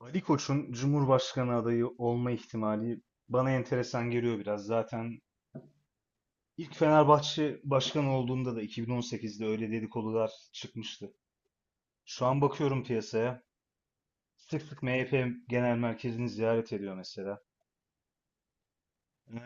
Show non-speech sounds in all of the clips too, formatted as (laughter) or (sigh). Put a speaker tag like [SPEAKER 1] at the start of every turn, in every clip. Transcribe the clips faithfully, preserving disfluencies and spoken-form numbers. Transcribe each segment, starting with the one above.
[SPEAKER 1] Ali Koç'un Cumhurbaşkanı adayı olma ihtimali bana enteresan geliyor biraz. Zaten ilk Fenerbahçe başkanı olduğunda da iki bin on sekizde öyle dedikodular çıkmıştı. Şu an bakıyorum piyasaya. Sık sık M H P Genel Merkezi'ni ziyaret ediyor mesela. Ee,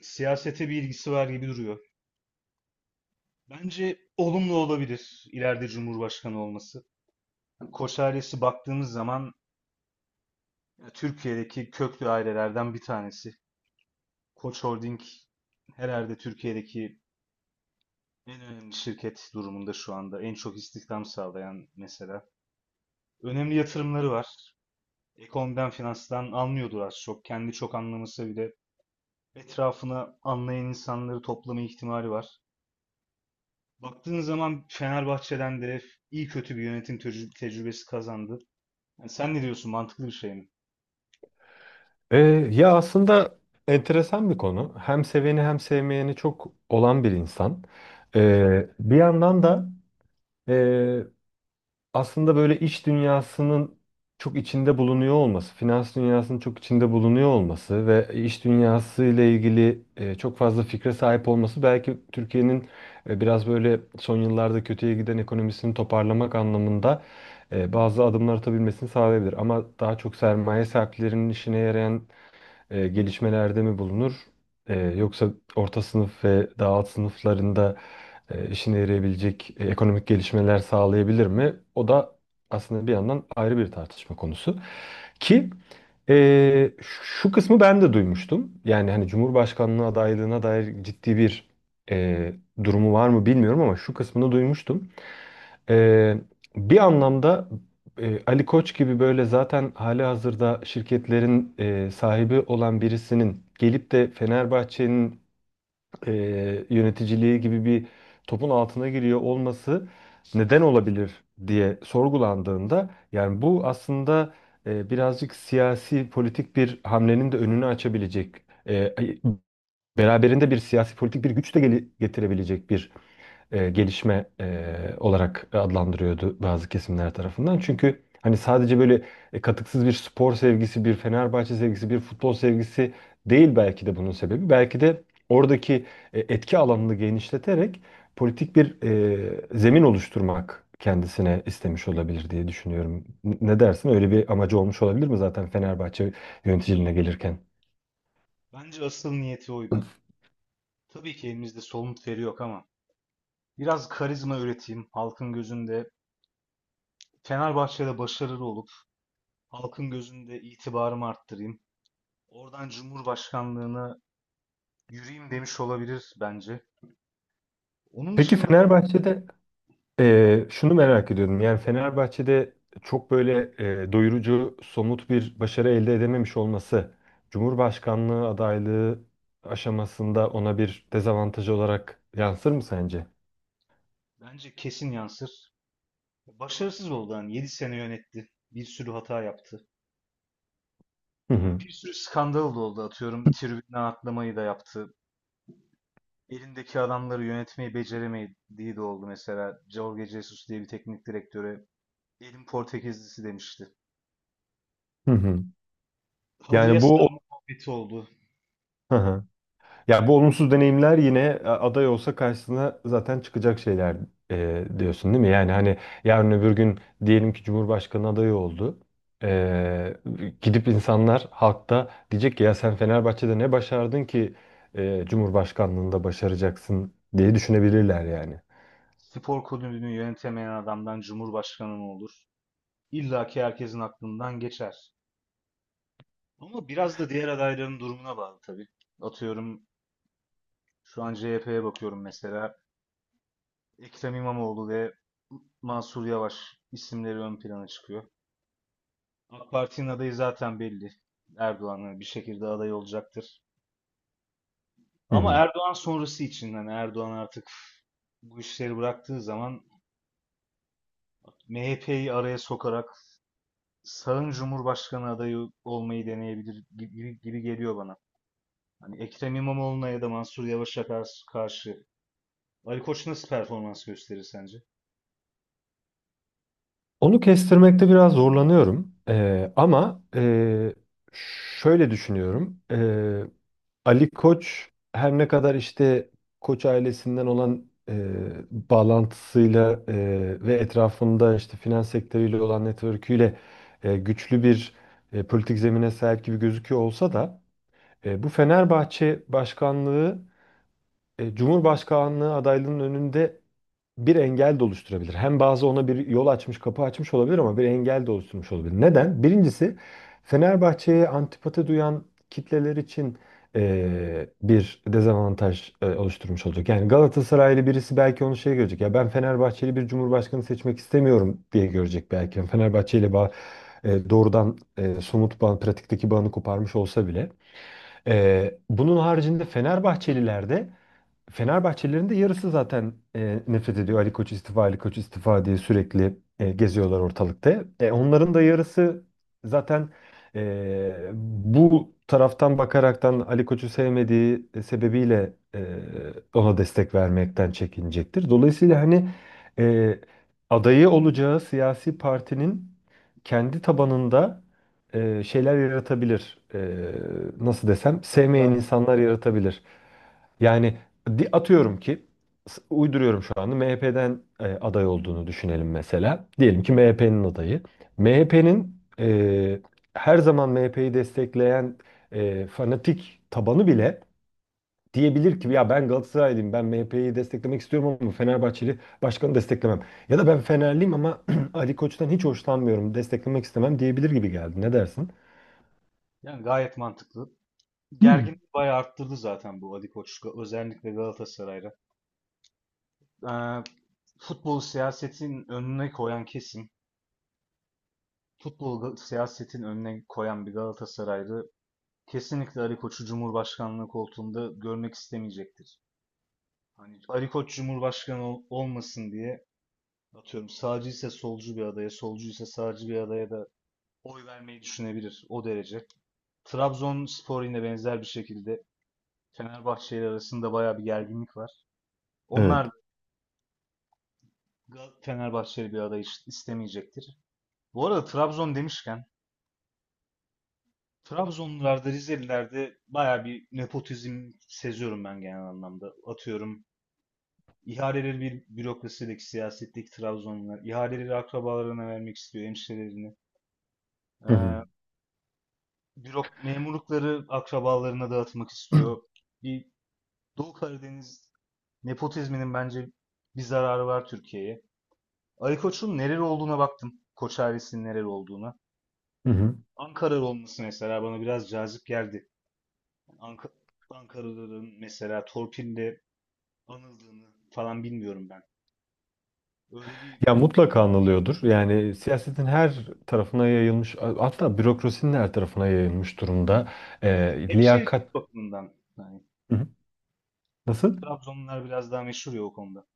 [SPEAKER 1] siyasete bir ilgisi var gibi duruyor. Bence olumlu olabilir ileride Cumhurbaşkanı olması. Koç ailesi baktığımız zaman ya, Türkiye'deki köklü ailelerden bir tanesi. Koç Holding herhalde Türkiye'deki en önemli şirket durumunda şu anda en çok istihdam sağlayan mesela. Önemli yatırımları var. Ekonomiden, finanstan anlıyordur az çok. Kendi çok anlamasa bile etrafına anlayan insanları toplama ihtimali var. Baktığın zaman Fenerbahçe'den de iyi kötü bir yönetim tecrü- tecrübesi kazandı. Yani sen ne diyorsun? Mantıklı bir şey mi?
[SPEAKER 2] Ee, ya aslında enteresan bir konu. Hem seveni hem sevmeyeni çok olan bir insan. Ee, bir yandan da e, aslında böyle iç dünyasının çok içinde bulunuyor olması, finans dünyasının çok içinde bulunuyor olması ve iş dünyası ile ilgili e, çok fazla fikre sahip olması belki Türkiye'nin e, biraz böyle son yıllarda kötüye giden ekonomisini toparlamak anlamında e, bazı adımlar atabilmesini sağlayabilir. Ama daha çok sermaye sahiplerinin işine yarayan e, gelişmelerde mi bulunur? E, yoksa orta sınıf ve daha alt sınıflarında e, işine yarayabilecek e, ekonomik gelişmeler sağlayabilir mi? O da aslında bir yandan ayrı bir tartışma konusu. Ki e, şu kısmı ben de duymuştum. Yani hani Cumhurbaşkanlığı adaylığına dair ciddi bir e, durumu var mı bilmiyorum ama şu kısmını duymuştum. Ee, bir anlamda e, Ali Koç gibi böyle zaten hali hazırda şirketlerin e, sahibi olan birisinin gelip de Fenerbahçe'nin e, yöneticiliği gibi bir topun altına giriyor olması neden olabilir diye sorgulandığında yani bu aslında e, birazcık siyasi politik bir hamlenin de önünü açabilecek e, ay- beraberinde bir siyasi politik bir güç de gele- getirebilecek bir e, gelişme e, olarak adlandırıyordu bazı kesimler tarafından. Çünkü hani sadece böyle e, katıksız bir spor sevgisi, bir Fenerbahçe sevgisi, bir futbol sevgisi değil belki de bunun sebebi. Belki de oradaki e, etki alanını genişleterek politik bir e, zemin oluşturmak kendisine istemiş olabilir diye düşünüyorum. N- Ne dersin? Öyle bir amacı olmuş olabilir mi zaten Fenerbahçe yöneticiliğine gelirken?
[SPEAKER 1] Bence asıl niyeti oydu. Tabii ki elimizde somut veri yok ama biraz karizma üreteyim halkın gözünde. Fenerbahçe'de başarılı olup halkın gözünde itibarımı arttırayım. Oradan Cumhurbaşkanlığına yürüyeyim demiş olabilir bence. Onun
[SPEAKER 2] Peki
[SPEAKER 1] dışında
[SPEAKER 2] Fenerbahçe'de
[SPEAKER 1] ha,
[SPEAKER 2] Ee, şunu merak ediyordum. Yani Fenerbahçe'de çok böyle e, doyurucu, somut bir başarı elde edememiş olması, Cumhurbaşkanlığı adaylığı aşamasında ona bir dezavantaj olarak yansır mı sence?
[SPEAKER 1] bence kesin yansır. Başarısız oldu hani yedi sene yönetti. Bir sürü hata yaptı.
[SPEAKER 2] Hı
[SPEAKER 1] Ee,
[SPEAKER 2] hı.
[SPEAKER 1] Bir sürü skandal da oldu atıyorum. Tribüne atlamayı da yaptı. Elindeki adamları yönetmeyi beceremediği de oldu mesela. Jorge Jesus diye bir teknik direktöre elin Portekizlisi demişti.
[SPEAKER 2] Hı hı.
[SPEAKER 1] Halıya
[SPEAKER 2] Yani bu
[SPEAKER 1] sarma muhabbeti oldu.
[SPEAKER 2] (laughs) ya bu olumsuz deneyimler yine a- aday olsa karşısına zaten çıkacak şeyler e, diyorsun değil mi? Yani hani yarın öbür gün diyelim ki Cumhurbaşkanı adayı oldu. E, Gidip insanlar halkta diyecek ki ya sen Fenerbahçe'de ne başardın ki e, Cumhurbaşkanlığında başaracaksın diye düşünebilirler yani.
[SPEAKER 1] Spor kulübünü yönetemeyen adamdan cumhurbaşkanı mı olur? İlla ki herkesin aklından geçer. Ama biraz da diğer adayların durumuna bağlı tabii. Atıyorum şu an C H P'ye bakıyorum mesela. Ekrem İmamoğlu ve Mansur Yavaş isimleri ön plana çıkıyor. AK Parti'nin adayı zaten belli. Erdoğan'ın bir şekilde aday olacaktır.
[SPEAKER 2] Hı
[SPEAKER 1] Ama
[SPEAKER 2] hı.
[SPEAKER 1] Erdoğan sonrası için yani Erdoğan artık bu işleri bıraktığı zaman M H P'yi araya sokarak sağın Cumhurbaşkanı adayı olmayı deneyebilir gibi, gibi geliyor bana. Hani Ekrem İmamoğlu'na ya da Mansur Yavaş'a karşı, karşı Ali Koç nasıl performans gösterir sence?
[SPEAKER 2] Onu kestirmekte biraz zorlanıyorum. E, ama e, şöyle düşünüyorum. e, Ali Koç her ne kadar işte Koç ailesinden olan e, bağlantısıyla e, ve etrafında işte finans sektörüyle olan network'üyle e, güçlü bir e, politik zemine sahip gibi gözüküyor olsa da e, bu Fenerbahçe başkanlığı e, Cumhurbaşkanlığı adaylığının önünde bir engel de oluşturabilir. Hem bazı ona bir yol açmış, kapı açmış olabilir ama bir engel de oluşturmuş olabilir. Neden? Birincisi Fenerbahçe'ye antipati duyan kitleler için e, bir dezavantaj e, oluşturmuş olacak. Yani Galatasaraylı birisi belki onu şey görecek. Ya ben Fenerbahçeli bir cumhurbaşkanı seçmek istemiyorum diye görecek belki. Yani Fenerbahçe ile bağ, e, doğrudan e, somut bağ, pratikteki bağını koparmış olsa bile. E, bunun haricinde Fenerbahçeliler de Fenerbahçelilerin de yarısı zaten e, nefret ediyor. Ali Koç istifa, Ali Koç istifa diye sürekli e, geziyorlar ortalıkta. E, onların da yarısı zaten e, bu taraftan bakaraktan Ali Koç'u sevmediği e, sebebiyle e, ona destek vermekten çekinecektir. Dolayısıyla hani e, adayı olacağı siyasi partinin kendi tabanında e, şeyler yaratabilir. E, nasıl desem,
[SPEAKER 1] Katılar-
[SPEAKER 2] sevmeyen insanlar yaratabilir. Yani Di- atıyorum ki s- uyduruyorum şu anda M H P'den e, aday olduğunu düşünelim mesela. Diyelim ki M H P'nin adayı. M H P'nin e, her zaman M H P'yi destekleyen e, fanatik tabanı bile diyebilir ki ya ben Galatasaraylıyım, ben M H P'yi desteklemek istiyorum ama Fenerbahçeli başkanı desteklemem. Ya da ben Fenerliyim ama (clears throat) Ali Koç'tan hiç hoşlanmıyorum, desteklemek istemem diyebilir gibi geldi. Ne dersin?
[SPEAKER 1] Yani gayet mantıklı.
[SPEAKER 2] Hmm.
[SPEAKER 1] Gerginliği bayağı arttırdı zaten bu Ali Koç, özellikle Galatasaray'da. Ee, futbolu siyasetin önüne koyan kesim, futbolu ga- siyasetin önüne koyan bir Galatasaraylı kesinlikle Ali Koç'u Cumhurbaşkanlığı koltuğunda görmek istemeyecektir. Hani Ali Koç Cumhurbaşkanı ol- olmasın diye atıyorum sağcı ise solcu bir adaya, solcu ise sağcı bir adaya da oy vermeyi düşünebilir o derece. Trabzonspor yine benzer bir şekilde Fenerbahçe ile arasında bayağı bir gerginlik var.
[SPEAKER 2] Evet.
[SPEAKER 1] Onlar da Fenerbahçeli bir aday is- istemeyecektir. Bu arada Trabzon demişken Trabzonlularda, Rizelilerde bayağı bir nepotizm seziyorum ben genel anlamda. Atıyorum ihaleleri bir bürokrasideki siyasetteki Trabzonlular ihaleleri akrabalarına vermek istiyor, hemşirelerini.
[SPEAKER 2] Hı hı.
[SPEAKER 1] Ee, bürok memurlukları akrabalarına dağıtmak istiyor.
[SPEAKER 2] (clears throat)
[SPEAKER 1] Bir Doğu Karadeniz nepotizminin bence bir zararı var Türkiye'ye. Ali Koç'un nereli olduğuna baktım. Koç ailesinin nereli olduğuna.
[SPEAKER 2] Hı hı.
[SPEAKER 1] Ankaralı olması mesela bana biraz cazip geldi. Ank- Ankaralıların mesela torpille anıldığını falan bilmiyorum ben. Öyle bir
[SPEAKER 2] Ya mutlaka anılıyordur. Yani siyasetin her tarafına yayılmış, hatta bürokrasinin her tarafına yayılmış durumda.
[SPEAKER 1] öyle bir
[SPEAKER 2] Ee, liyakat
[SPEAKER 1] hemşehrilik bakımından yani
[SPEAKER 2] Hı hı. nasıl?
[SPEAKER 1] Trabzonlular biraz daha meşhur ya o konuda.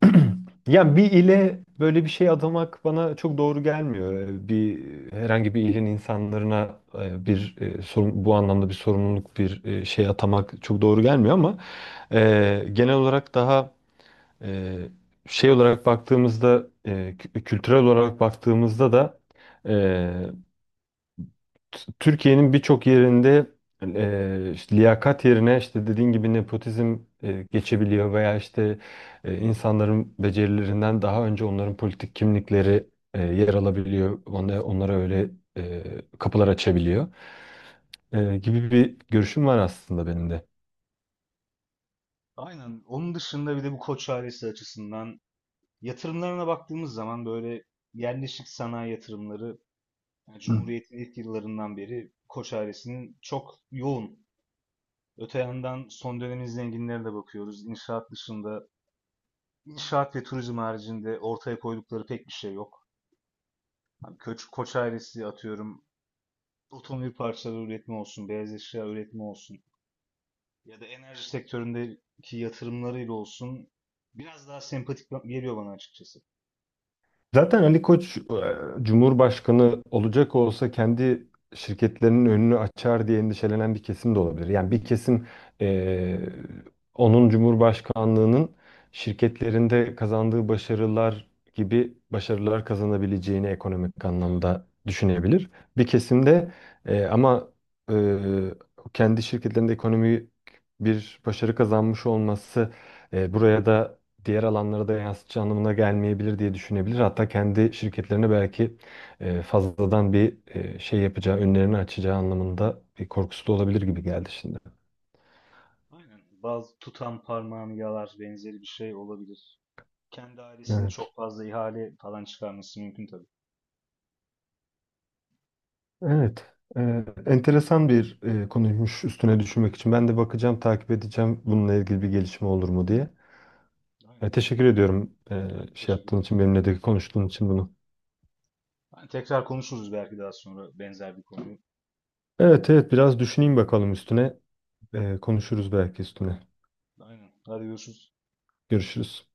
[SPEAKER 2] (clears throat) Yani bir ile böyle bir şey adamak bana çok doğru gelmiyor. Ee, Bir Herhangi bir ilin insanlarına e, bir e, sorun, bu anlamda bir sorumluluk, bir e, şey atamak çok doğru gelmiyor ama e, genel olarak daha e, şey olarak baktığımızda, e, kü- kültürel olarak baktığımızda da. T- Türkiye'nin birçok yerinde e, işte liyakat yerine işte dediğin gibi nepotizm e, geçebiliyor veya işte e, insanların becerilerinden daha önce onların politik kimlikleri e, yer alabiliyor. Onlara, onlara öyle e, kapılar açabiliyor E, gibi bir görüşüm var aslında benim de.
[SPEAKER 1] Aynen. Onun dışında bir de bu Koç ailesi açısından yatırımlarına baktığımız zaman böyle yerleşik sanayi yatırımları yani Cumhuriyet'in ilk yıllarından beri Koç ailesinin çok yoğun. Öte yandan son dönemin zenginlerine de bakıyoruz. İnşaat dışında, inşaat ve turizm haricinde ortaya koydukları pek bir şey yok. Hani Koç, Koç ailesi atıyorum otomobil parçaları üretimi olsun, beyaz eşya üretimi olsun ya da enerji sektöründeki yatırımlarıyla olsun biraz daha sempatik ba- geliyor bana açıkçası.
[SPEAKER 2] Zaten Ali Koç e, Cumhurbaşkanı olacak olsa kendi şirketlerinin önünü açar diye endişelenen bir kesim de olabilir. Yani bir kesim e, onun Cumhurbaşkanlığının şirketlerinde kazandığı başarılar gibi başarılar kazanabileceğini ekonomik anlamda düşünebilir. Bir kesim de e, ama e, kendi şirketlerinde ekonomik bir başarı kazanmış olması e, buraya da diğer alanlara da yansıtacağı anlamına gelmeyebilir diye düşünebilir. Hatta kendi şirketlerine belki e, fazladan bir e, şey yapacağı, önlerini açacağı anlamında bir korkusu da olabilir gibi geldi şimdi.
[SPEAKER 1] Aynen. Bazı tutan parmağını yalar benzeri bir şey olabilir. Kendi ailesini
[SPEAKER 2] Evet.
[SPEAKER 1] çok fazla ihale falan çıkarması mümkün tabii.
[SPEAKER 2] Evet. E, enteresan bir e, konuymuş üstüne düşünmek için. Ben de bakacağım, takip edeceğim bununla ilgili bir gelişme olur mu diye. E,
[SPEAKER 1] Aynen.
[SPEAKER 2] teşekkür ediyorum e,
[SPEAKER 1] Ben
[SPEAKER 2] şey
[SPEAKER 1] teşekkür
[SPEAKER 2] yaptığın
[SPEAKER 1] ederim.
[SPEAKER 2] için, benimle de konuştuğun için bunu.
[SPEAKER 1] Yani tekrar konuşuruz belki daha sonra benzer bir konuyu.
[SPEAKER 2] Evet, evet, biraz düşüneyim bakalım üstüne. E, konuşuruz belki üstüne.
[SPEAKER 1] Aynen. Hadi görüşürüz.
[SPEAKER 2] Görüşürüz.